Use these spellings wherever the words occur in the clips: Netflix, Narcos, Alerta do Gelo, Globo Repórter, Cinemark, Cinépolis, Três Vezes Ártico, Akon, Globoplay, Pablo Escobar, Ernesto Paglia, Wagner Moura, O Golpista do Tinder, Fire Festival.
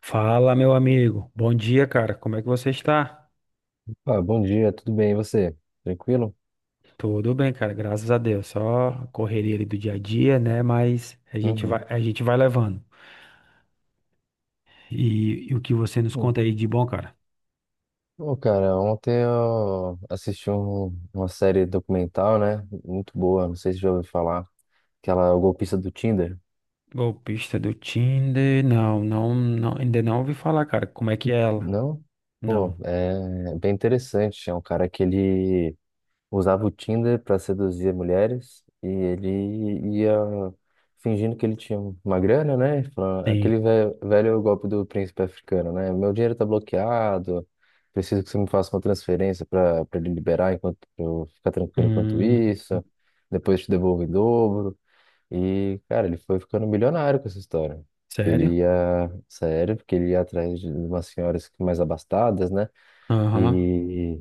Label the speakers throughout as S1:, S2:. S1: Fala, meu amigo. Bom dia, cara. Como é que você está?
S2: Ah, bom dia, tudo bem? E você? Tranquilo?
S1: Tudo bem, cara. Graças a Deus. Só a correria ali do dia a dia, né? Mas a gente vai,
S2: Uhum.
S1: a gente vai levando. E o que você nos
S2: Hum.
S1: conta aí de bom, cara?
S2: Ô, cara, ontem eu assisti uma série documental, né? Muito boa, não sei se já ouviu falar. Aquela O Golpista do Tinder.
S1: Golpista do Tinder? Não, não, não, ainda não ouvi falar, cara. Como é que é ela?
S2: Não? Pô,
S1: Não.
S2: é bem interessante. É um cara que ele usava o Tinder para seduzir mulheres e ele ia fingindo que ele tinha uma grana, né? Falando,
S1: Tem.
S2: aquele velho golpe do príncipe africano, né? Meu dinheiro tá bloqueado, preciso que você me faça uma transferência para ele liberar enquanto eu ficar tranquilo enquanto
S1: Hum,
S2: isso. Depois te devolvo em dobro. E, cara, ele foi ficando milionário com essa história.
S1: sério?
S2: Ele ia, sério, porque ele ia atrás de umas senhoras mais abastadas, né?
S1: Aham.
S2: E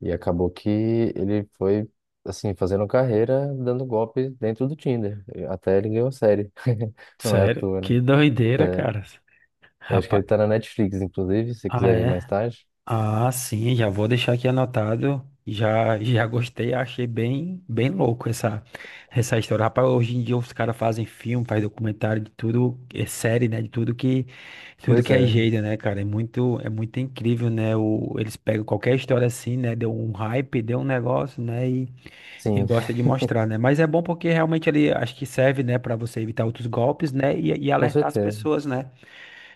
S2: e acabou que ele foi, assim, fazendo carreira, dando golpe dentro do Tinder. Até ele ganhou a série. Não é à
S1: Sério?
S2: toa, né?
S1: Que doideira,
S2: É.
S1: cara.
S2: Eu acho que
S1: Rapaz.
S2: ele tá na Netflix, inclusive, se
S1: Ah,
S2: quiser ver mais
S1: é?
S2: tarde.
S1: Ah, sim, já vou deixar aqui anotado. Já gostei, achei bem, bem louco essa história. Rapaz, hoje em dia os caras fazem filme, fazem documentário de tudo, é série, né? De tudo que, tudo
S2: Pois
S1: que é
S2: é,
S1: jeito, né, cara? É muito incrível, né? Eles pegam qualquer história assim, né? Deu um hype, deu um negócio, né? E
S2: sim,
S1: gosta de mostrar, né? Mas é bom porque realmente ele acho que serve, né, para você evitar outros golpes, né? E
S2: com
S1: alertar as
S2: certeza.
S1: pessoas, né?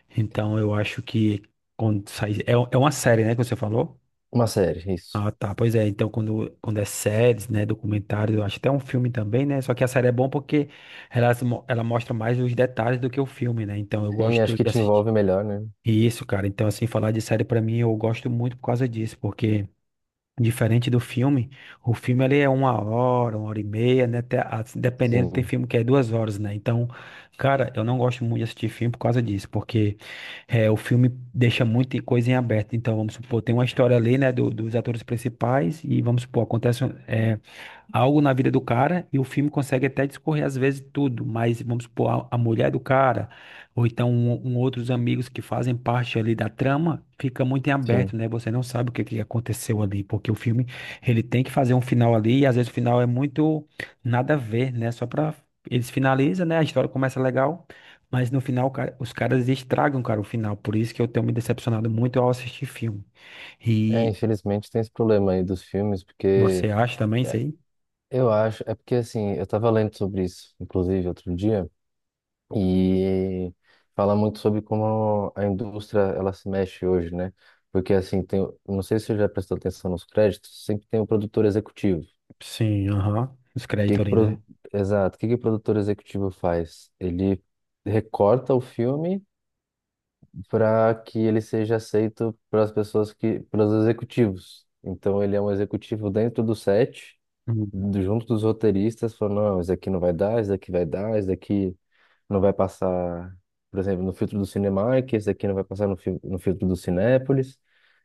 S1: Então eu acho que quando sai, é uma série, né, que você falou?
S2: Uma série, isso.
S1: Ah, tá. Pois é, então quando é séries, né, documentários, eu acho até um filme também, né? Só que a série é bom porque ela, ela mostra mais os detalhes do que o filme, né? Então eu
S2: Sim, acho
S1: gosto
S2: que
S1: de
S2: te
S1: assistir
S2: envolve melhor, né?
S1: isso, cara. Então, assim, falar de série pra mim, eu gosto muito por causa disso, porque. Diferente do filme, o filme ele é uma hora e meia, né? Até, dependendo, tem
S2: Sim,
S1: filme que é 2 horas, né? Então, cara, eu não gosto muito de assistir filme por causa disso, porque o filme deixa muita coisa em aberto. Então, vamos supor, tem uma história ali, né, dos atores principais, e vamos supor, acontece, algo na vida do cara e o filme consegue até discorrer às vezes tudo, mas vamos supor, a mulher do cara, ou então um outros amigos que fazem parte ali da trama, fica muito em aberto,
S2: sim.
S1: né? Você não sabe o que aconteceu ali, porque o filme, ele tem que fazer um final ali e às vezes o final é muito nada a ver, né? Só pra. Eles finalizam, né? A história começa legal, mas no final, cara, os caras estragam, cara, o final. Por isso que eu tenho me decepcionado muito ao assistir filme.
S2: É,
S1: E
S2: infelizmente tem esse problema aí dos filmes,
S1: você
S2: porque
S1: acha também isso
S2: é,
S1: aí?
S2: eu acho, é porque assim, eu tava lendo sobre isso, inclusive, outro dia. E fala muito sobre como a indústria ela se mexe hoje, né? Porque assim, tem, não sei se você já prestou atenção nos créditos, sempre tem o produtor executivo.
S1: Sim, aham. Os
S2: Que
S1: créditos
S2: que
S1: ali,
S2: pro-
S1: né?
S2: Exato, o que que o produtor executivo faz? Ele recorta o filme para que ele seja aceito pelas pessoas que, pelos executivos. Então ele é um executivo dentro do set,
S1: Hum.
S2: junto dos roteiristas, falando, não, esse aqui não vai dar, esse aqui vai dar, esse aqui não vai passar, por exemplo, no filtro do Cinemark, esse aqui não vai passar no, no filtro do Cinépolis,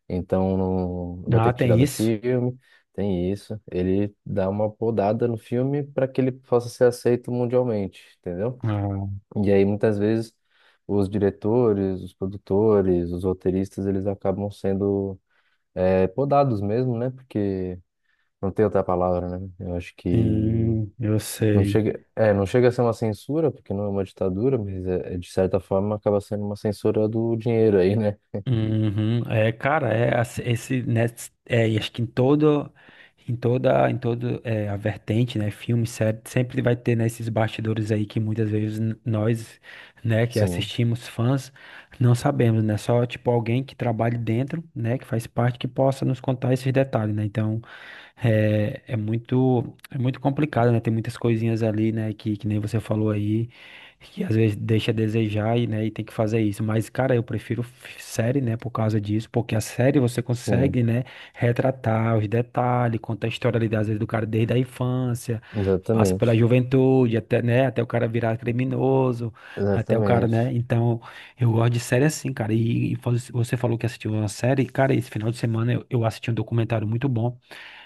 S2: então não vai
S1: Ah,
S2: ter que tirar
S1: tem
S2: do
S1: isso?
S2: filme. Tem isso. Ele dá uma podada no filme para que ele possa ser aceito mundialmente, entendeu?
S1: Ah,
S2: E aí muitas vezes os diretores, os produtores, os roteiristas, eles acabam sendo podados mesmo, né? Porque não tem outra palavra, né? Eu acho que
S1: sim, eu
S2: não
S1: sei.
S2: chega, é, não chega a ser uma censura, porque não é uma ditadura, mas é, é, de certa forma acaba sendo uma censura do dinheiro aí, né?
S1: Uhum. É, cara, esse, né, e acho que em toda a vertente, né, filme, série, sempre vai ter, né, esses bastidores aí que muitas vezes nós, né, que
S2: Sim,
S1: assistimos fãs, não sabemos, né, só, tipo, alguém que trabalhe dentro, né, que faz parte, que possa nos contar esses detalhes, né, então, é muito complicado, né, tem muitas coisinhas ali, né, que nem você falou aí, que às vezes deixa a desejar e, né, e tem que fazer isso. Mas, cara, eu prefiro série, né, por causa disso, porque a série você
S2: sim,
S1: consegue, né, retratar os detalhes, conta a história ali, às vezes, do cara desde a infância, passa pela
S2: exatamente,
S1: juventude, até, né, até o cara virar criminoso, até o cara,
S2: exatamente.
S1: né, então eu gosto de série assim, cara, e você falou que assistiu uma série, cara, esse final de semana eu assisti um documentário muito bom,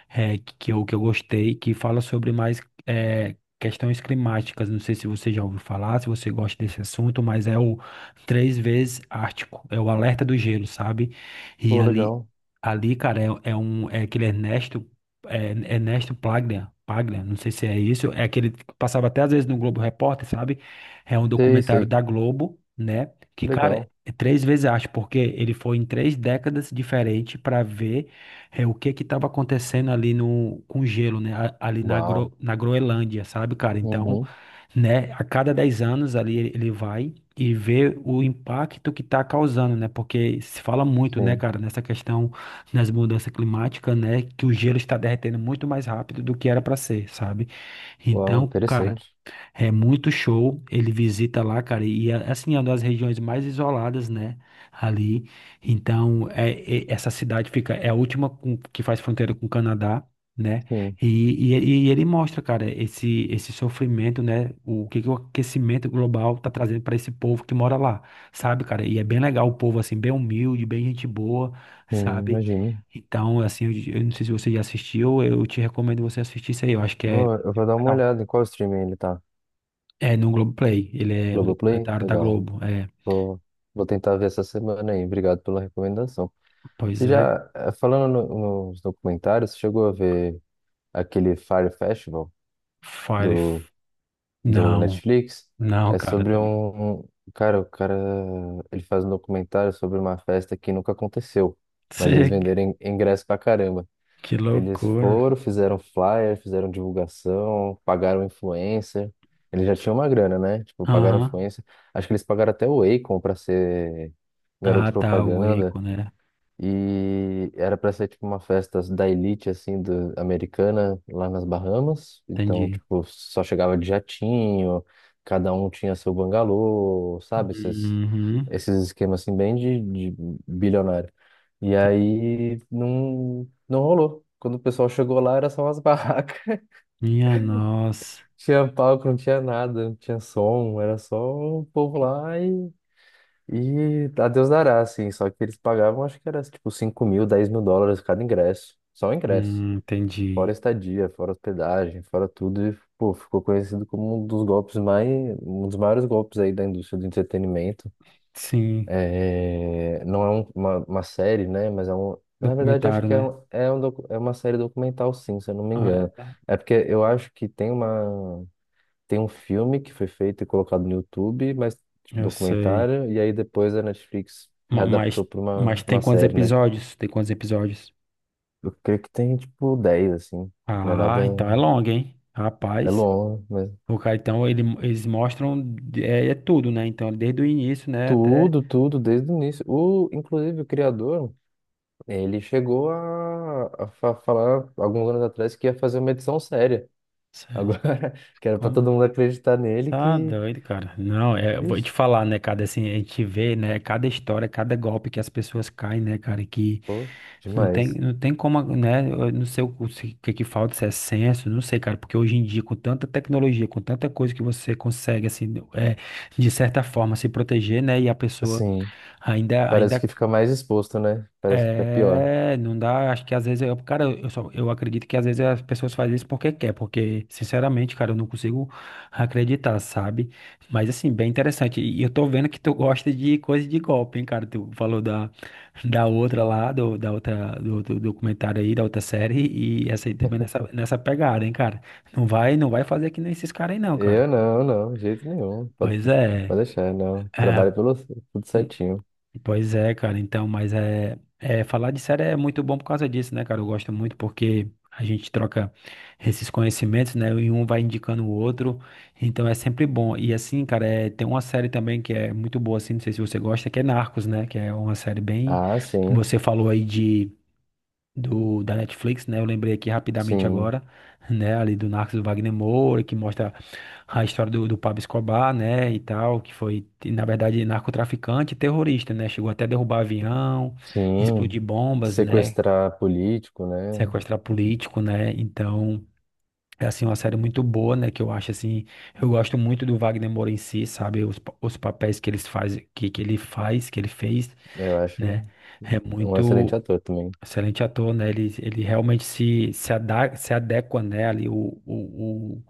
S1: que eu gostei, que fala sobre mais questões climáticas. Não sei se você já ouviu falar, se você gosta desse assunto, mas é o Três Vezes Ártico, é o Alerta do Gelo, sabe? E
S2: Pô,
S1: ali,
S2: legal.
S1: ali, cara, é aquele Ernesto, Ernesto Paglia, não sei se é isso, é aquele que passava até às vezes no Globo Repórter, sabe? É um
S2: Sei,
S1: documentário
S2: sei,
S1: da Globo, né?
S2: que
S1: Que, cara,
S2: legal.
S1: é 3 vezes arte, porque ele foi em 3 décadas diferentes para ver o que que estava acontecendo ali no com o gelo, né? Ali na,
S2: Uau.
S1: Gro, na Groenlândia, sabe, cara? Então,
S2: Uhum,
S1: né, a cada 10 anos ali ele vai e vê o impacto que está causando, né? Porque se fala muito, né,
S2: sim.
S1: cara, nessa questão das mudanças climáticas, né, que o gelo está derretendo muito mais rápido do que era para ser, sabe?
S2: Uau,
S1: Então, cara,
S2: interessante.
S1: é muito show, ele visita lá, cara, e é, assim, é uma das regiões mais isoladas, né, ali. Então, essa cidade fica, é a última que faz fronteira com o Canadá, né,
S2: Sim,
S1: e ele mostra, cara, esse sofrimento, né, o que, que o aquecimento global tá trazendo para esse povo que mora lá, sabe, cara, e é bem legal o povo, assim, bem humilde, bem gente boa,
S2: sim,
S1: sabe.
S2: imagino.
S1: Então, assim, eu, não sei se você já assistiu, eu te recomendo você assistir isso aí, eu acho que é.
S2: Pô, eu vou dar uma olhada em qual streaming ele tá.
S1: É no Globoplay. Ele é um
S2: Globoplay?
S1: documentário da
S2: Legal.
S1: Globo. É,
S2: Vou, vou tentar ver essa semana aí. Obrigado pela recomendação. Você
S1: pois é.
S2: já, falando nos documentários, você chegou a ver aquele Fire Festival
S1: Fire.
S2: do, do
S1: Não,
S2: Netflix,
S1: não,
S2: é
S1: cara.
S2: sobre
S1: Tá.
S2: cara, o cara. Ele faz um documentário sobre uma festa que nunca aconteceu, mas eles
S1: Cê-
S2: venderem ingresso pra caramba.
S1: Que
S2: Eles
S1: loucura.
S2: foram, fizeram flyer, fizeram divulgação, pagaram influencer. Eles já tinham uma grana, né? Tipo, pagaram
S1: Aham.
S2: influencer. Acho que eles pagaram até o Akon pra ser garoto
S1: Ah, tá. O
S2: propaganda.
S1: Waco, né?
S2: E era para ser tipo uma festa da elite assim do, americana lá nas Bahamas. Então,
S1: Entendi.
S2: tipo, só chegava de jatinho, cada um tinha seu bangalô, sabe? Esses,
S1: Uhum.
S2: esses esquemas assim bem de bilionário. E aí não rolou. Quando o pessoal chegou lá era só umas barracas.
S1: Minha nossa.
S2: Tinha palco, não tinha nada, não tinha som, era só o povo lá e a Deus dará, assim, só que eles pagavam, acho que era tipo 5.000, 10.000 dólares cada ingresso, só o ingresso, fora
S1: Entendi.
S2: estadia, fora hospedagem, fora tudo, e pô, ficou conhecido como um dos golpes mais, um dos maiores golpes aí da indústria do entretenimento.
S1: Sim,
S2: É, não é uma série, né, mas é um, na verdade acho
S1: documentário,
S2: que é,
S1: né?
S2: um, é, é uma série documental sim, se eu não me engano.
S1: Ah,
S2: É porque eu acho que tem uma tem um filme que foi feito e colocado no YouTube, mas tipo,
S1: eu sei.
S2: documentário, e aí depois a Netflix
S1: Ma-
S2: readaptou
S1: Mas,
S2: para
S1: mas tem
S2: uma
S1: quantos
S2: série, né?
S1: episódios? Tem quantos episódios?
S2: Eu creio que tem tipo 10 assim. Não é
S1: Ah,
S2: nada.
S1: então é longo, hein?
S2: É
S1: Rapaz.
S2: longo, mas.
S1: O cara, então, eles mostram é tudo, né? Então, desde o início, né, até.
S2: Tudo, tudo, desde o início. O, inclusive, o criador, ele chegou a, falar alguns anos atrás que ia fazer uma edição séria.
S1: Sei.
S2: Agora, que era pra
S1: Como?
S2: todo mundo acreditar nele,
S1: Tá
S2: que.
S1: doido, cara. Não, eu vou te
S2: Vixe,
S1: falar, né, cara? Assim, a gente vê, né, cada história, cada golpe que as pessoas caem, né, cara? Que
S2: pô,
S1: não tem,
S2: demais.
S1: não tem como, né? Eu não sei o, o que que falta, se é senso, não sei, cara. Porque hoje em dia, com tanta tecnologia, com tanta coisa que você consegue, assim, de certa forma, se proteger, né? E a pessoa
S2: Assim,
S1: ainda, ainda
S2: parece que fica mais exposto, né? Parece que fica pior.
S1: É, não dá, acho que às vezes eu, cara, eu só, eu acredito que às vezes as pessoas fazem isso porque quer, porque sinceramente, cara, eu não consigo acreditar, sabe? Mas assim, bem interessante. E eu tô vendo que tu gosta de coisa de golpe, hein, cara? Tu falou da outra lá, da outra, do documentário aí, da outra série, e essa aí também nessa pegada, hein, cara? Não vai fazer que nem esses caras aí, não, cara.
S2: Eu não, não, de jeito nenhum. Pode,
S1: Pois é.
S2: pode deixar, não.
S1: É,
S2: Trabalho pelo tudo certinho.
S1: pois é, cara, então, mas falar de série é muito bom por causa disso, né, cara? Eu gosto muito porque a gente troca esses conhecimentos, né? E um vai indicando o outro, então é sempre bom. E assim, cara, tem uma série também que é muito boa, assim, não sei se você gosta, que é Narcos, né? Que é uma série bem.
S2: Ah, sim,
S1: Você falou aí de do da Netflix, né? Eu lembrei aqui rapidamente
S2: sim,
S1: agora, né? Ali do Narcos do Wagner Moura, que mostra a história do Pablo Escobar, né? E tal, que foi, na verdade, narcotraficante e terrorista, né? Chegou até a derrubar avião,
S2: sim.
S1: explodir bombas, né?
S2: Sequestrar político, né?
S1: Sequestrar político, né? Então. É assim, uma série muito boa, né? Que eu acho assim, eu gosto muito do Wagner Moura em si, sabe? Os papéis que eles faz, que ele faz, que ele fez,
S2: Eu acho
S1: né? É
S2: um excelente
S1: muito.
S2: ator também.
S1: Excelente ator, né? Ele realmente se adequa, né? Ali o, o,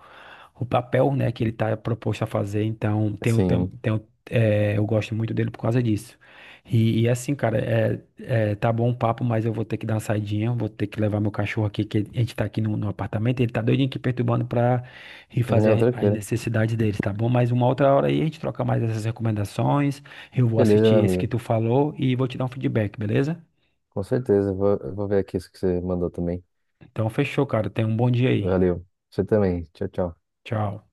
S1: o papel, né? Que ele está proposto a fazer. Então, tem, o- tem,
S2: Sim,
S1: tem, o- é, eu gosto muito dele por causa disso. E assim, cara, tá bom o papo, mas eu vou ter que dar uma saidinha. Vou ter que levar meu cachorro aqui, que a gente tá aqui no apartamento. Ele tá doidinho aqui perturbando pra ir
S2: não,
S1: fazer as
S2: tranquilo.
S1: necessidades dele, tá bom? Mas uma outra hora aí a gente troca mais essas recomendações. Eu vou
S2: Beleza, meu
S1: assistir esse que
S2: amigo.
S1: tu falou e vou te dar um feedback, beleza?
S2: Com certeza, eu vou ver aqui isso que você mandou também.
S1: Então, fechou, cara. Tenha um bom dia aí.
S2: Valeu. Você também. Tchau, tchau.
S1: Tchau.